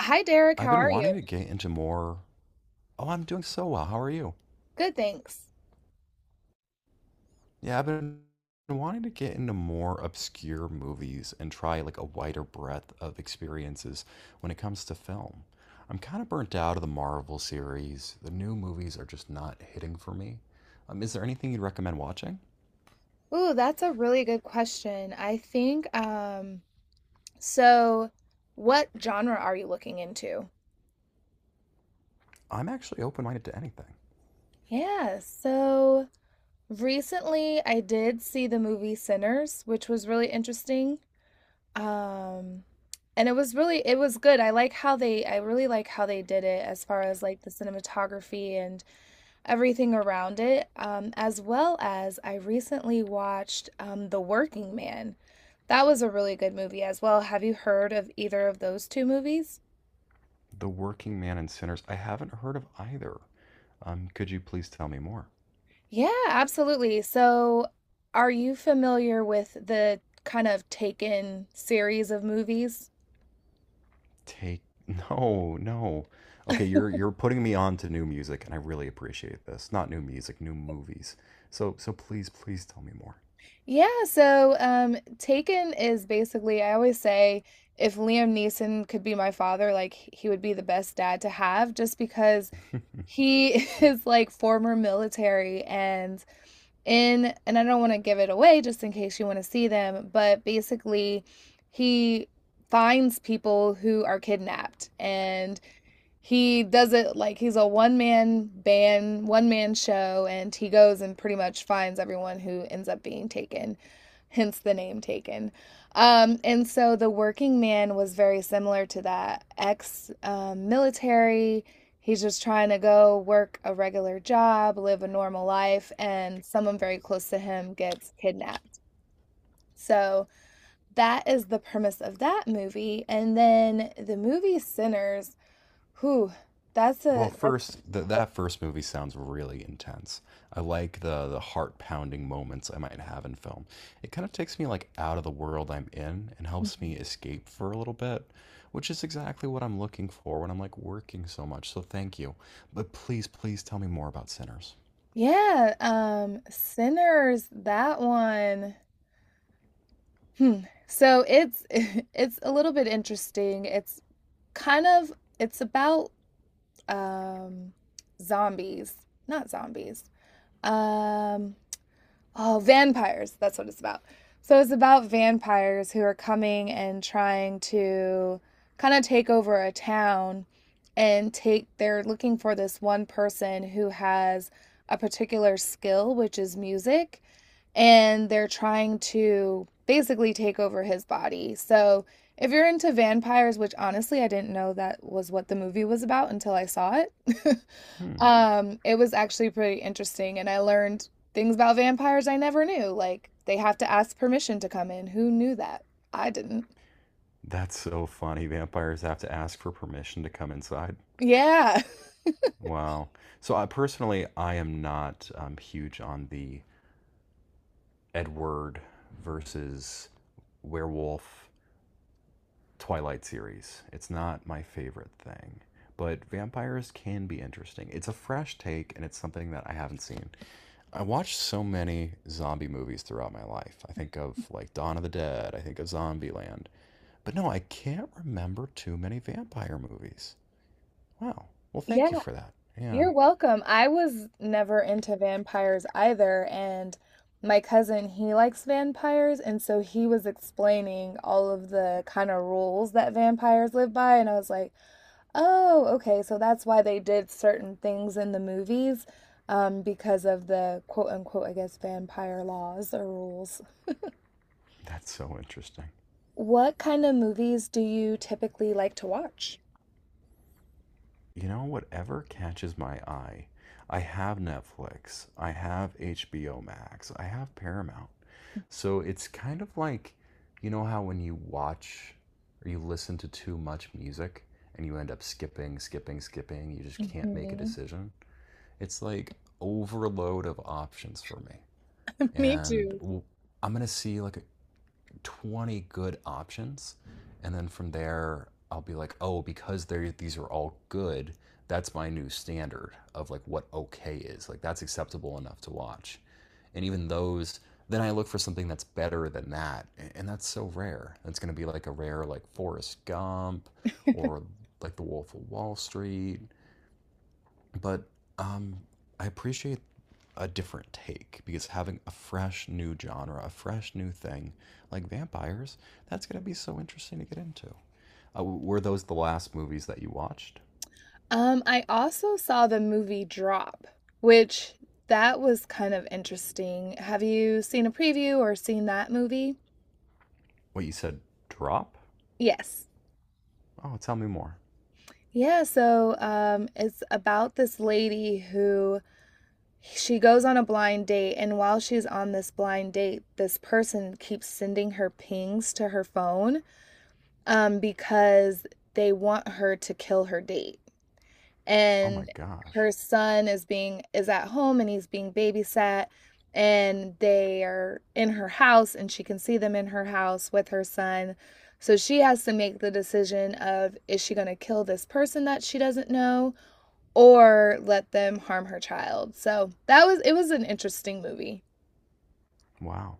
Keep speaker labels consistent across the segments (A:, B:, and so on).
A: Hi, Derek.
B: I've
A: How
B: been
A: are you?
B: wanting to get into more. Oh, I'm doing so well. How are you?
A: Good, thanks.
B: Yeah, I've been wanting to get into more obscure movies and try like a wider breadth of experiences when it comes to film. I'm kind of burnt out of the Marvel series. The new movies are just not hitting for me. Is there anything you'd recommend watching?
A: Ooh, that's a really good question. I think, so What genre are you looking into?
B: I'm actually open-minded to anything.
A: Yeah, so Recently I did see the movie Sinners, which was really interesting. Um, and it was really, It was good. I really like how they did it as far as like the cinematography everything around it, as well as I recently watched The Working Man. That was a really good movie as well. Have you heard of either of those two movies?
B: The Working Man and Sinners, I haven't heard of either. Could you please tell me more?
A: Yeah, absolutely. So, are you familiar with the kind of Taken series of movies?
B: Take no, no. Okay, you're putting me on to new music, and I really appreciate this. Not new music, new movies. So please, please tell me more.
A: Taken is basically, I always say, if Liam Neeson could be my father, like he would be the best dad to have, just because he is like former military and I don't want to give it away just in case you want to see them, but basically he finds people who are kidnapped, and he does it like he's a one man band, one man show, and he goes and pretty much finds everyone who ends up being taken, hence the name Taken. And so the working man was very similar to that ex military. He's just trying to go work a regular job, live a normal life, and someone very close to him gets kidnapped. So that is the premise of that movie. And then the movie Sinners, whew, that's
B: Well,
A: a
B: first, th that first movie sounds really intense. I like the heart-pounding moments I might have in film. It kind of takes me like out of the world I'm in and helps
A: Mhm.
B: me escape for a little bit, which is exactly what I'm looking for when I'm like working so much. So thank you. But please, please tell me more about Sinners.
A: Yeah, Sinners, that one. Hmm. So it's it's a little bit interesting. It's kind of it's about um zombies, not zombies. Um, oh, vampires. That's what it's about. So it's about vampires who are coming and trying to kind of take over a town and take, they're looking for this one person who has a particular skill, which is music, and they're trying to basically take over his body. So if you're into vampires, which honestly I didn't know that was what the movie was about until I saw it.
B: Hmm.
A: It was actually pretty interesting, and I learned things about vampires I never knew, like they have to ask permission to come in. Who knew that? I didn't.
B: That's so funny. Vampires have to ask for permission to come inside.
A: Yeah.
B: Wow. So I personally, I am not huge on the Edward versus werewolf Twilight series. It's not my favorite thing, but vampires can be interesting. It's a fresh take, and it's something that I haven't seen. I watched so many zombie movies throughout my life. I think of like Dawn of the Dead. I think of Zombieland. But no, I can't remember too many vampire movies. Wow. Well,
A: Yeah.
B: thank you for that. Yeah.
A: You're welcome. I was never into vampires either, and my cousin, he likes vampires, and so he was explaining all of the kind of rules that vampires live by, and I was like, "Oh, okay, so that's why they did certain things in the movies, because of the quote unquote, I guess, vampire laws or rules."
B: That's so interesting.
A: What kind of movies do you typically like to watch?
B: You know, whatever catches my eye. I have Netflix. I have HBO Max. I have Paramount. So it's kind of like, you know, how when you watch or you listen to too much music and you end up skipping, skipping, skipping, you just can't make a
A: Mhm.
B: decision. It's like overload of options for me.
A: Me
B: And
A: too.
B: I I'm going to see like 20 good options. And then from there, I'll be like, oh, because they these are all good, that's my new standard of like what okay is. Like that's acceptable enough to watch. And even those, then I look for something that's better than that. And that's so rare. It's going to be like a rare, like Forrest Gump or like The Wolf of Wall Street but um, I appreciate a different take because having a fresh new genre, a fresh new thing like vampires, that's going to be so interesting to get into. Were those the last movies that you watched?
A: I also saw the movie Drop, which that was kind of interesting. Have you seen a preview or seen that movie?
B: What you said, drop?
A: Yes.
B: Oh, tell me more.
A: It's about this lady who she goes on a blind date, and while she's on this blind date, this person keeps sending her pings to her phone because they want her to kill her date.
B: Oh my
A: And
B: gosh.
A: her son is at home and he's being babysat, and they are in her house, and she can see them in her house with her son. So she has to make the decision of, is she going to kill this person that she doesn't know or let them harm her child? So that was it was an interesting movie.
B: Wow.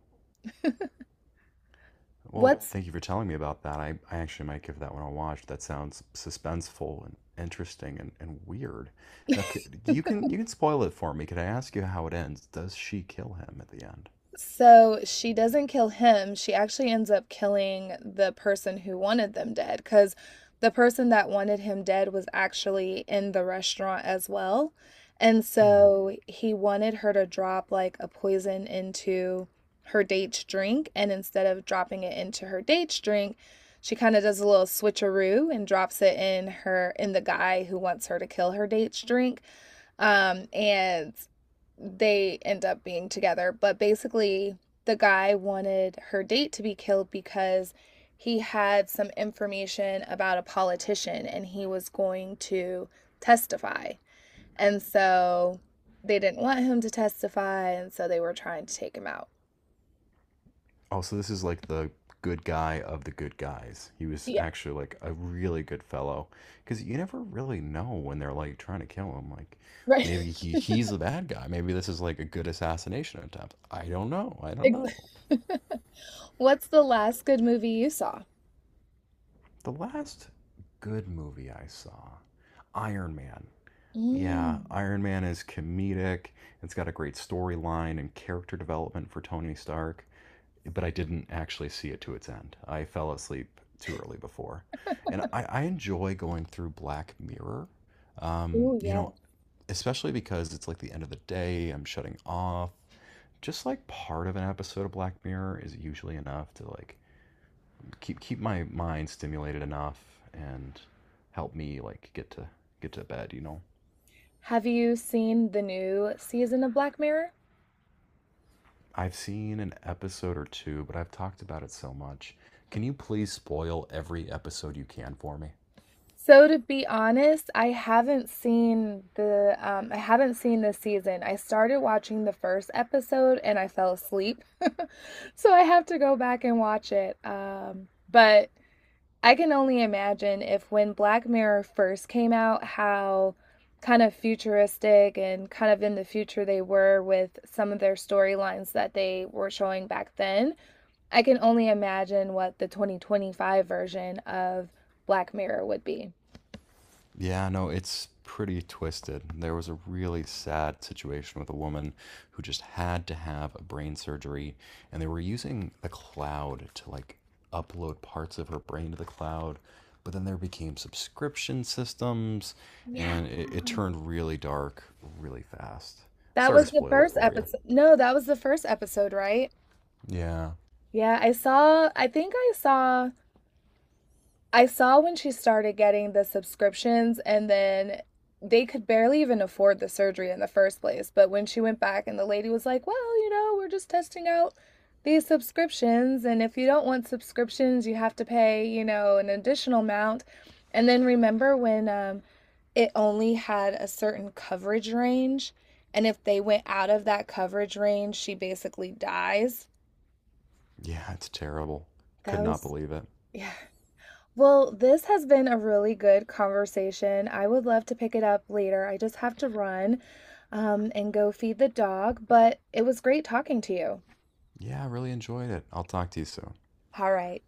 B: Well,
A: What's
B: thank you for telling me about that. I actually might give that one a watch. That sounds suspenseful and interesting and weird. Now, you can spoil it for me. Could I ask you how it ends? Does she kill him at the end?
A: So she doesn't kill him. She actually ends up killing the person who wanted them dead, because the person that wanted him dead was actually in the restaurant as well. And
B: Hmm.
A: so he wanted her to drop like a poison into her date's drink. And instead of dropping it into her date's drink, she kind of does a little switcheroo and drops it in her in the guy who wants her to kill her date's drink. And they end up being together. But basically, the guy wanted her date to be killed because he had some information about a politician and he was going to testify. And so they didn't want him to testify, and so they were trying to take him out.
B: Oh, so this is like the good guy of the good guys. He was
A: Yeah,
B: actually like a really good fellow because you never really know when they're like trying to kill him. Like
A: right.
B: maybe he's the bad guy. Maybe this is like a good assassination attempt. I don't know. I don't know.
A: What's the last good movie you saw?
B: The last good movie I saw, Iron Man. Yeah,
A: Mm.
B: Iron Man is comedic. It's got a great storyline and character development for Tony Stark, but I didn't actually see it to its end. I fell asleep too early before, and I enjoy going through Black Mirror. Um,
A: Oh,
B: you
A: yeah.
B: know, especially because it's like the end of the day. I'm shutting off. Just like part of an episode of Black Mirror is usually enough to like keep my mind stimulated enough and help me like get to bed. You know,
A: Have you seen the new season of Black Mirror?
B: I've seen an episode or two, but I've talked about it so much. Can you please spoil every episode you can for me?
A: So to be honest, I haven't seen this season. I started watching the first episode and I fell asleep. So I have to go back and watch it. Um, but I can only imagine if when Black Mirror first came out how kind of futuristic and kind of in the future they were with some of their storylines that they were showing back then. I can only imagine what the 2025 version of Black Mirror would be.
B: Yeah, no, it's pretty twisted. There was a really sad situation with a woman who just had to have a brain surgery, and they were using the cloud to like upload parts of her brain to the cloud. But then there became subscription systems,
A: Yeah.
B: and it turned really dark really fast.
A: That
B: Sorry to
A: was the
B: spoil it
A: first
B: for you.
A: episode. No, that was the first episode, right?
B: Yeah,
A: Yeah, I saw I think I saw when she started getting the subscriptions, and then they could barely even afford the surgery in the first place. But when she went back, and the lady was like, "Well, you know, we're just testing out these subscriptions. And if you don't want subscriptions, you have to pay, you know, an additional amount." And then remember when it only had a certain coverage range. And if they went out of that coverage range, she basically dies.
B: yeah, it's terrible. Could
A: That
B: not
A: was,
B: believe it.
A: yeah. Well, this has been a really good conversation. I would love to pick it up later. I just have to run, and go feed the dog, but it was great talking to you.
B: Yeah, I really enjoyed it. I'll talk to you soon.
A: All right.